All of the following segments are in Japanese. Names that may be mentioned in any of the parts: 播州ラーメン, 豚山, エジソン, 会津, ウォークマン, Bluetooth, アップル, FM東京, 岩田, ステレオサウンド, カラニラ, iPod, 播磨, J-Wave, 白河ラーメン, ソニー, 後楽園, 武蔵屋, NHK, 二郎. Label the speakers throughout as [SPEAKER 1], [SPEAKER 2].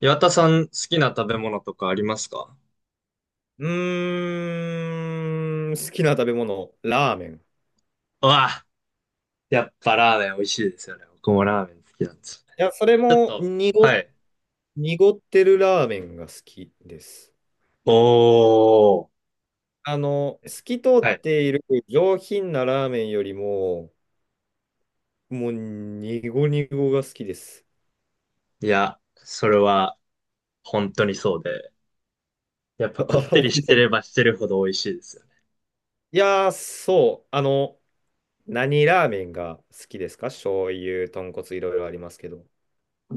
[SPEAKER 1] 岩田さん好きな食べ物とかありますか？
[SPEAKER 2] うーん、好きな食べ物、ラーメン。い
[SPEAKER 1] うわ、やっぱラーメン美味しいですよね。僕もラーメン好きなんですよね。
[SPEAKER 2] や、それ
[SPEAKER 1] ちょっ
[SPEAKER 2] も
[SPEAKER 1] と、はい。
[SPEAKER 2] 濁ってるラーメンが好きです。
[SPEAKER 1] おー。え、
[SPEAKER 2] 透き通っ
[SPEAKER 1] はい。
[SPEAKER 2] ている上品なラーメンよりも、もう、濁濁が好きです。
[SPEAKER 1] いや、それは本当にそうで。やっぱ こ
[SPEAKER 2] あ
[SPEAKER 1] って
[SPEAKER 2] 本当
[SPEAKER 1] りし
[SPEAKER 2] にそ
[SPEAKER 1] て
[SPEAKER 2] う
[SPEAKER 1] れ
[SPEAKER 2] で
[SPEAKER 1] ば
[SPEAKER 2] す。
[SPEAKER 1] してるほど美味しいですよね。
[SPEAKER 2] いやー、そう。何ラーメンが好きですか？醤油、豚骨、いろいろありますけど。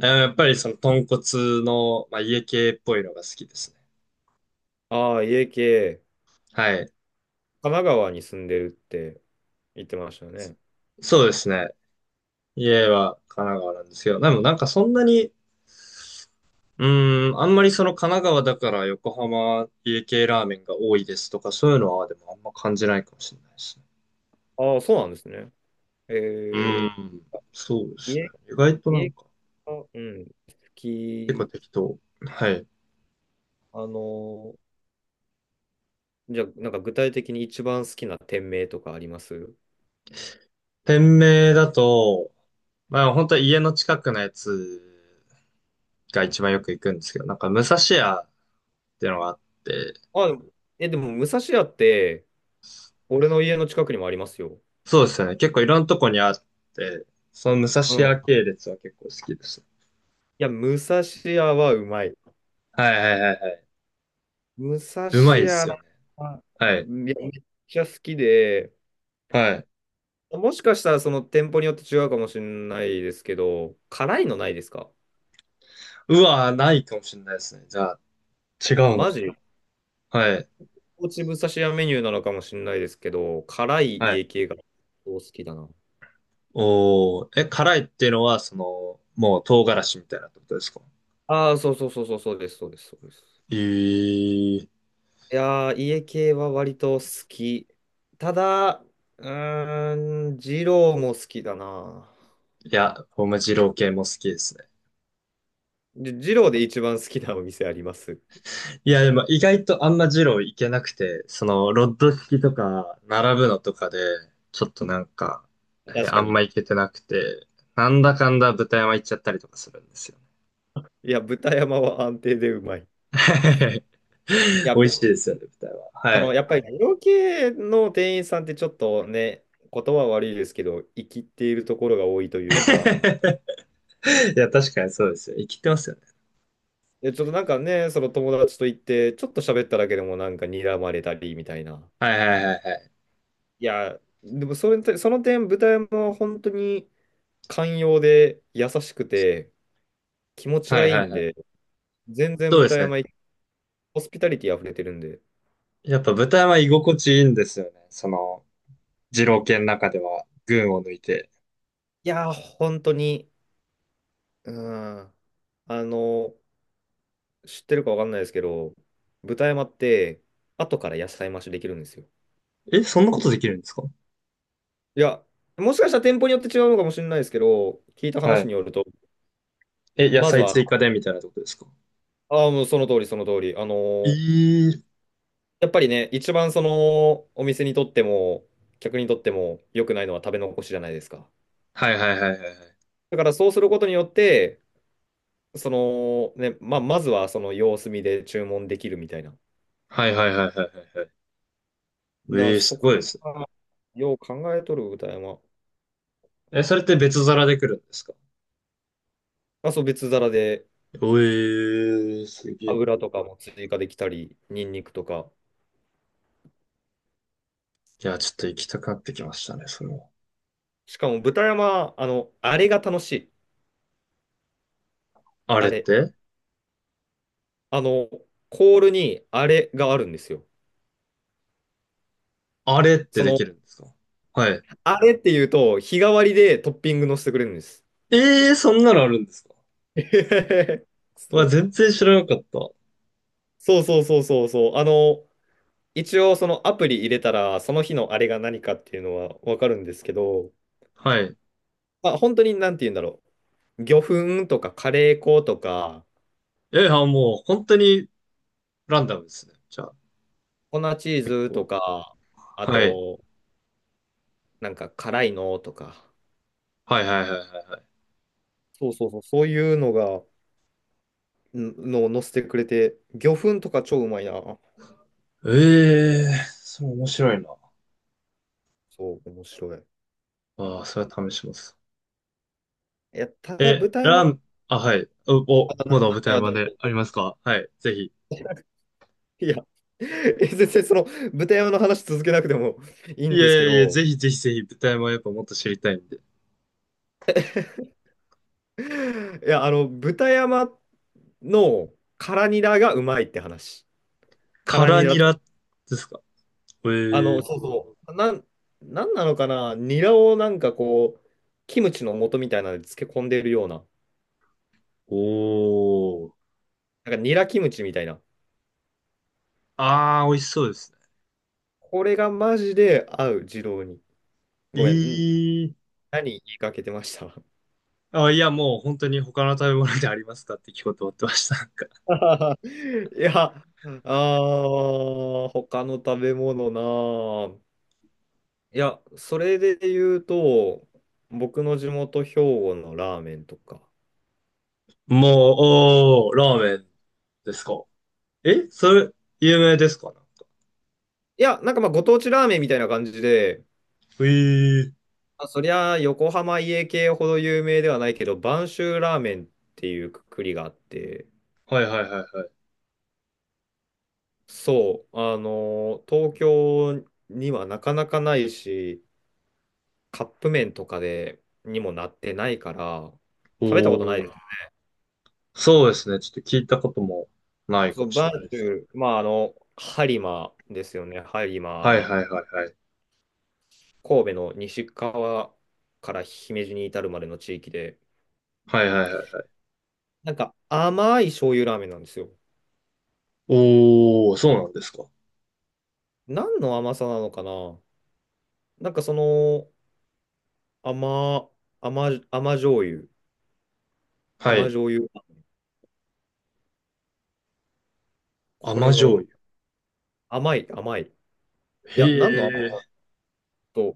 [SPEAKER 1] あ、やっぱりその豚骨の、まあ、家系っぽいのが好きですね。
[SPEAKER 2] ああ、家系、
[SPEAKER 1] はい。
[SPEAKER 2] 神奈川に住んでるって言ってましたよね。
[SPEAKER 1] そうですね。家は神奈川なんですけど、でもなんかそんなにうあんまりその神奈川だから横浜家系ラーメンが多いですとか、そういうのはでもあんま感じないかもしれないですね。
[SPEAKER 2] ああ、そうなんですね。
[SPEAKER 1] う
[SPEAKER 2] え
[SPEAKER 1] ーん、そうですね。
[SPEAKER 2] 家
[SPEAKER 1] 意外とな
[SPEAKER 2] 見
[SPEAKER 1] ん
[SPEAKER 2] え
[SPEAKER 1] か、
[SPEAKER 2] 方、うん、好
[SPEAKER 1] 結構
[SPEAKER 2] き。
[SPEAKER 1] 適当。はい。
[SPEAKER 2] あの、じゃあ、なんか具体的に一番好きな店名とかあります？
[SPEAKER 1] 店名だと、まあ本当は家の近くのやつが一番よく行くんですけど、なんか武蔵屋っていうのがあって、
[SPEAKER 2] あ、でもでも、武蔵屋って、俺の家の近くにもありますよ。
[SPEAKER 1] そうですよね。結構いろんなとこにあって、その武蔵
[SPEAKER 2] うん。
[SPEAKER 1] 屋
[SPEAKER 2] い
[SPEAKER 1] 系列は結構好きです。
[SPEAKER 2] や、武蔵屋はうまい。
[SPEAKER 1] はいはいはいはい。
[SPEAKER 2] 武蔵
[SPEAKER 1] うまいです
[SPEAKER 2] 屋
[SPEAKER 1] よ
[SPEAKER 2] な、
[SPEAKER 1] ね。
[SPEAKER 2] あ
[SPEAKER 1] は
[SPEAKER 2] あ
[SPEAKER 1] い。
[SPEAKER 2] めっちゃ好きで、
[SPEAKER 1] はい。
[SPEAKER 2] もしかしたらその店舗によって違うかもしれないですけど、辛いのないですか？
[SPEAKER 1] うわ、ないかもしれないですね。じゃあ、違
[SPEAKER 2] あ、
[SPEAKER 1] うの
[SPEAKER 2] マ
[SPEAKER 1] か
[SPEAKER 2] ジ
[SPEAKER 1] も。はい。
[SPEAKER 2] 高知武蔵屋メニューなのかもしれないですけど、辛い
[SPEAKER 1] は
[SPEAKER 2] 家
[SPEAKER 1] い。
[SPEAKER 2] 系が好きだな。
[SPEAKER 1] おー、え、辛いっていうのは、その、もう唐辛子みたいなってことですか？
[SPEAKER 2] ああ、そうそうそうそう、そうです、そうです、そうです。
[SPEAKER 1] えー、い
[SPEAKER 2] いやー、家系は割と好き。ただ、うー二郎も好きだな。
[SPEAKER 1] や、僕も二郎系も好きですね。
[SPEAKER 2] 二郎で一番好きなお店あります？
[SPEAKER 1] いや、でも意外とあんま二郎いけなくて、その、ロッド式とか、並ぶのとかで、ちょっとなんか、えー
[SPEAKER 2] 確
[SPEAKER 1] あ
[SPEAKER 2] か
[SPEAKER 1] ん
[SPEAKER 2] に。
[SPEAKER 1] まいけてなくて、なんだかんだ豚山行っちゃったりとかするんですよね。
[SPEAKER 2] いや、豚山は安定でうまい。い や、
[SPEAKER 1] 美味
[SPEAKER 2] ぶ
[SPEAKER 1] しいですよね、豚山。
[SPEAKER 2] そ
[SPEAKER 1] は
[SPEAKER 2] の、
[SPEAKER 1] い。
[SPEAKER 2] やっぱり、二郎系の店員さんってちょっとね、言葉は悪いですけど、生きっているところが多いというか、
[SPEAKER 1] いや、確かにそうですよ。生きてますよね。
[SPEAKER 2] いやちょっとなんかね、その友達と行って、ちょっと喋っただけでもなんか睨まれたりみたいな。
[SPEAKER 1] はいはいはいはい。
[SPEAKER 2] いや、でもそれと、その点、豚山は本当に寛容で優しくて気持ち
[SPEAKER 1] は
[SPEAKER 2] が
[SPEAKER 1] い
[SPEAKER 2] いい
[SPEAKER 1] はい
[SPEAKER 2] ん
[SPEAKER 1] はい。
[SPEAKER 2] で、全然
[SPEAKER 1] そうで
[SPEAKER 2] 豚
[SPEAKER 1] すね。
[SPEAKER 2] 山行き、ホスピタリティ溢れてるんで。
[SPEAKER 1] やっぱ豚は居心地いいんですよね。その、二郎系の中では群を抜いて。
[SPEAKER 2] いやー、本当に、うん、あの、知ってるかわかんないですけど、豚山って後から野菜増しできるんですよ。
[SPEAKER 1] え、そんなことできるんですか？
[SPEAKER 2] いや、もしかしたら店舗によって違うのかもしれないですけど、聞いた
[SPEAKER 1] は
[SPEAKER 2] 話
[SPEAKER 1] い。
[SPEAKER 2] によると、
[SPEAKER 1] え、野
[SPEAKER 2] まず
[SPEAKER 1] 菜
[SPEAKER 2] は、
[SPEAKER 1] 追加でみたいなとこですか？
[SPEAKER 2] ああ、もうその通り、その通り、
[SPEAKER 1] えー。
[SPEAKER 2] やっぱりね、一番そのお店にとっても、客にとっても良くないのは食べ残しじゃないですか。
[SPEAKER 1] はいはいはいはいはい。
[SPEAKER 2] だからそうすることによって、そのね、まあ、まずはその様子見で注文できるみたいな。
[SPEAKER 1] はいはいはいはいはいはい。
[SPEAKER 2] だから
[SPEAKER 1] えー、す
[SPEAKER 2] そ
[SPEAKER 1] ごいで
[SPEAKER 2] こ
[SPEAKER 1] すね。
[SPEAKER 2] はよう考えとる歌山。
[SPEAKER 1] え、それって別皿で来るんですか？
[SPEAKER 2] まあ、そう、別皿で
[SPEAKER 1] おえー、すげえ。い
[SPEAKER 2] 油とかも追加できたり、ニンニクとか。
[SPEAKER 1] や、ちょっと行きたくなってきましたね、それは。
[SPEAKER 2] しかも豚山、あれが楽しい。
[SPEAKER 1] あれ
[SPEAKER 2] あ
[SPEAKER 1] っ
[SPEAKER 2] れ。
[SPEAKER 1] て？
[SPEAKER 2] あの、コールにあれがあるんですよ。
[SPEAKER 1] あれって
[SPEAKER 2] そ
[SPEAKER 1] で
[SPEAKER 2] の、
[SPEAKER 1] きるんですか？はい。
[SPEAKER 2] あれっていうと、日替わりでトッピングのせてくれるんです。
[SPEAKER 1] ええー、そんなのあるんですか？
[SPEAKER 2] えへへへ、
[SPEAKER 1] わ、
[SPEAKER 2] そ
[SPEAKER 1] 全然知らなかった。
[SPEAKER 2] うそうそうそうそうそう。一応そのアプリ入れたら、その日のあれが何かっていうのはわかるんですけど、
[SPEAKER 1] はい。
[SPEAKER 2] まあ本当になんて言うんだろう。魚粉とかカレー粉とか、
[SPEAKER 1] え、あ、もう本当にランダムですね。じゃあ、
[SPEAKER 2] 粉チー
[SPEAKER 1] 結
[SPEAKER 2] ズ
[SPEAKER 1] 構。
[SPEAKER 2] とか、あ
[SPEAKER 1] はい。
[SPEAKER 2] と、なんか辛いのとか、
[SPEAKER 1] はいはいはいはいはい。
[SPEAKER 2] そうそうそう、そういうのが、んのを載せてくれて、魚粉とか超うまいな。
[SPEAKER 1] ええー、それ面白いな。
[SPEAKER 2] そう、面白い。
[SPEAKER 1] ああ、それは試します。
[SPEAKER 2] いや、ただ
[SPEAKER 1] え、
[SPEAKER 2] 豚山、
[SPEAKER 1] ラン、あ、はい。お、お、まだ舞台
[SPEAKER 2] あ、
[SPEAKER 1] ま
[SPEAKER 2] どう
[SPEAKER 1] で
[SPEAKER 2] ぞ。
[SPEAKER 1] ありますか？はい。ぜひ。
[SPEAKER 2] いや、全然 その豚山の話続けなくてもいい
[SPEAKER 1] い
[SPEAKER 2] ん
[SPEAKER 1] や
[SPEAKER 2] です
[SPEAKER 1] い
[SPEAKER 2] け
[SPEAKER 1] やいや、
[SPEAKER 2] ど、
[SPEAKER 1] ぜひぜひぜひ、舞台もやっぱもっと知りたいんで。
[SPEAKER 2] いや、豚山の辛ニラがうまいって話。
[SPEAKER 1] カ
[SPEAKER 2] 辛ニ
[SPEAKER 1] ラ
[SPEAKER 2] ラ
[SPEAKER 1] ニ
[SPEAKER 2] と、
[SPEAKER 1] ラですか？ええー、
[SPEAKER 2] そうそう、なんなのかな、ニラをなんかこう、キムチの素みたいなので漬け込んでるような、
[SPEAKER 1] おー。
[SPEAKER 2] なんかニラキムチみたいな。
[SPEAKER 1] ああ、美味しそうですね。
[SPEAKER 2] これがマジで合う、二郎に。ごめん、
[SPEAKER 1] ええ、
[SPEAKER 2] 何言いかけてました？
[SPEAKER 1] あ、いや、もう本当に他の食べ物でありますかって聞こうと思ってました。なんか、
[SPEAKER 2] いや、他の食べ物なあ。いや、それで言うと、僕の地元兵庫のラーメンとか。
[SPEAKER 1] もう、おー、ラーメンですか。えそれ、有名ですかなんか。
[SPEAKER 2] いや、なんかまあご当地ラーメンみたいな感じで、
[SPEAKER 1] えー。
[SPEAKER 2] まあ、そりゃ横浜家系ほど有名ではないけど、播州ラーメンっていうくくりがあって、
[SPEAKER 1] はいはいはいはい。
[SPEAKER 2] そう、東京にはなかなかないし、カップ麺とかでにもなってないから、
[SPEAKER 1] お
[SPEAKER 2] 食べたことないで
[SPEAKER 1] ー。
[SPEAKER 2] す。
[SPEAKER 1] そうですね。ちょっと聞いたこともないか
[SPEAKER 2] そ
[SPEAKER 1] も
[SPEAKER 2] う、
[SPEAKER 1] しれ
[SPEAKER 2] 播
[SPEAKER 1] ないですね。
[SPEAKER 2] 州、まあ播磨ですよね、播
[SPEAKER 1] はい
[SPEAKER 2] 磨。
[SPEAKER 1] はいはいはい。
[SPEAKER 2] 神戸の西川から姫路に至るまでの地域で、
[SPEAKER 1] はいはいはい。
[SPEAKER 2] なんか甘い醤油ラーメンなんですよ。
[SPEAKER 1] おー、そうなんですか。
[SPEAKER 2] 何の甘さなのかな？なんかその甘、甘醤油、
[SPEAKER 1] は
[SPEAKER 2] 甘
[SPEAKER 1] い。
[SPEAKER 2] 醤油、
[SPEAKER 1] 甘
[SPEAKER 2] これが
[SPEAKER 1] 醤油。
[SPEAKER 2] 甘い、甘い。い
[SPEAKER 1] へ
[SPEAKER 2] や、何の甘さ
[SPEAKER 1] え。
[SPEAKER 2] と、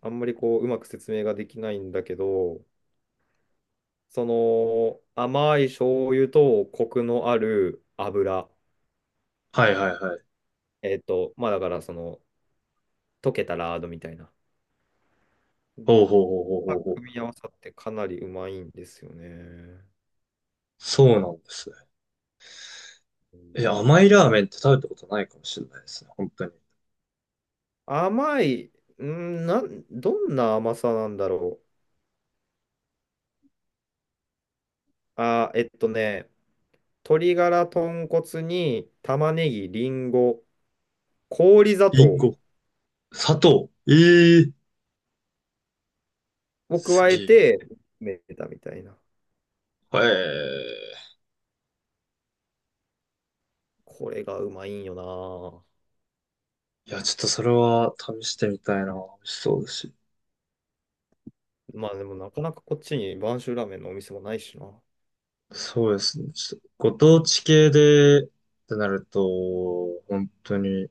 [SPEAKER 2] あんまりこう、うまく説明ができないんだけど、その甘い醤油とコクのある油、
[SPEAKER 1] はいはいはい。
[SPEAKER 2] まあだからその溶けたラードみたいな。
[SPEAKER 1] ほうほうほうほうほうほう。
[SPEAKER 2] 組み合わさってかなりうまいんですよね。
[SPEAKER 1] そうなんですね。
[SPEAKER 2] うん
[SPEAKER 1] え、甘いラーメンって食べたことないかもしれないですね。本当に。
[SPEAKER 2] 甘い、どんな甘さなんだろう。えっとね、鶏ガラ豚骨に玉ねぎ、りんご、氷砂
[SPEAKER 1] りん
[SPEAKER 2] 糖
[SPEAKER 1] ご。砂糖。ええー、
[SPEAKER 2] を
[SPEAKER 1] す
[SPEAKER 2] 加え
[SPEAKER 1] げえ。
[SPEAKER 2] てめたみたいな。
[SPEAKER 1] ええ、
[SPEAKER 2] これがうまいんよ
[SPEAKER 1] いや、ちょっとそれは試してみたいな。美味しそうだし。
[SPEAKER 2] な。まあでもなかなかこっちに播州ラーメンのお店もないしな。
[SPEAKER 1] そうですね。ちょっとご当地系でってなると、本当に、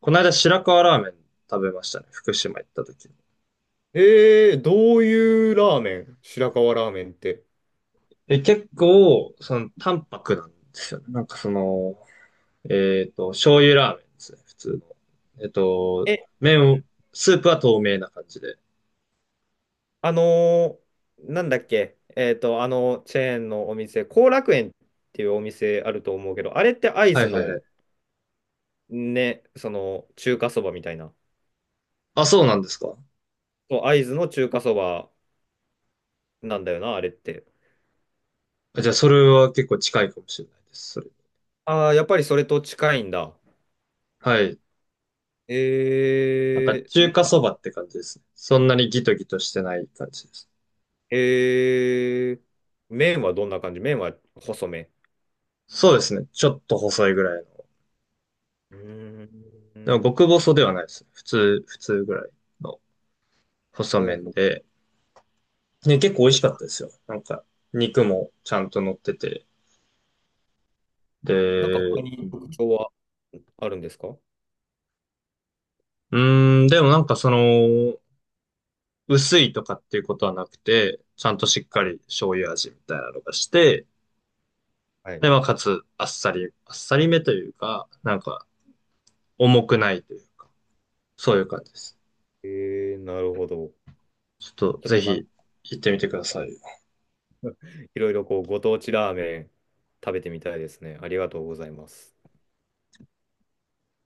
[SPEAKER 1] この間白河ラーメン食べましたね。福島行った時に。
[SPEAKER 2] どういうラーメン？白河ラーメンって。
[SPEAKER 1] で、結構、その、淡白なんですよね。なんかその、えっと、醤油ラーメンですね。普通の。えっと、
[SPEAKER 2] え
[SPEAKER 1] 麺を、スープは透明な感じで。
[SPEAKER 2] あのーなんだっけ、あのチェーンのお店、後楽園っていうお店あると思うけど、あれって会
[SPEAKER 1] は
[SPEAKER 2] 津
[SPEAKER 1] いはいはい。
[SPEAKER 2] のね、その中華そばみたいな。
[SPEAKER 1] あ、そうなんですか。
[SPEAKER 2] そう、会津の中華そばなんだよな、あれって。
[SPEAKER 1] あ、じゃあ、それは結構近いかもしれないです。それ。
[SPEAKER 2] ああ、やっぱりそれと近いんだ。
[SPEAKER 1] はい。なんか、
[SPEAKER 2] な
[SPEAKER 1] 中
[SPEAKER 2] ん
[SPEAKER 1] 華
[SPEAKER 2] か、
[SPEAKER 1] そばって感じですね。そんなにギトギトしてない感じです。
[SPEAKER 2] えー、麺はどんな感じ？麺は細め。
[SPEAKER 1] そうですね。ちょっと細いぐらいの。
[SPEAKER 2] うー
[SPEAKER 1] でも、
[SPEAKER 2] ん。
[SPEAKER 1] 極細ではないですね。普通、普通ぐらいの細
[SPEAKER 2] おう、
[SPEAKER 1] 麺
[SPEAKER 2] ほ
[SPEAKER 1] で。ね、結構美味しか
[SPEAKER 2] ほ、
[SPEAKER 1] ったですよ。なんか、肉もちゃんと乗ってて。
[SPEAKER 2] なんか他
[SPEAKER 1] で、う
[SPEAKER 2] に特徴はあるんですか？
[SPEAKER 1] ーん、でもなんかその、薄いとかっていうことはなくて、ちゃんとしっか
[SPEAKER 2] はい。
[SPEAKER 1] り醤油味みたいなのがして、
[SPEAKER 2] はい。
[SPEAKER 1] で、まあ、かつ、あっさり、あっさりめというか、なんか、重くないというか、そういう感じです。
[SPEAKER 2] なるほど。
[SPEAKER 1] ちょっと
[SPEAKER 2] ちょっ
[SPEAKER 1] ぜ
[SPEAKER 2] となんか
[SPEAKER 1] ひ行ってみてください。
[SPEAKER 2] いろいろこうご当地ラーメン食べてみたいですね。ありがとうございます。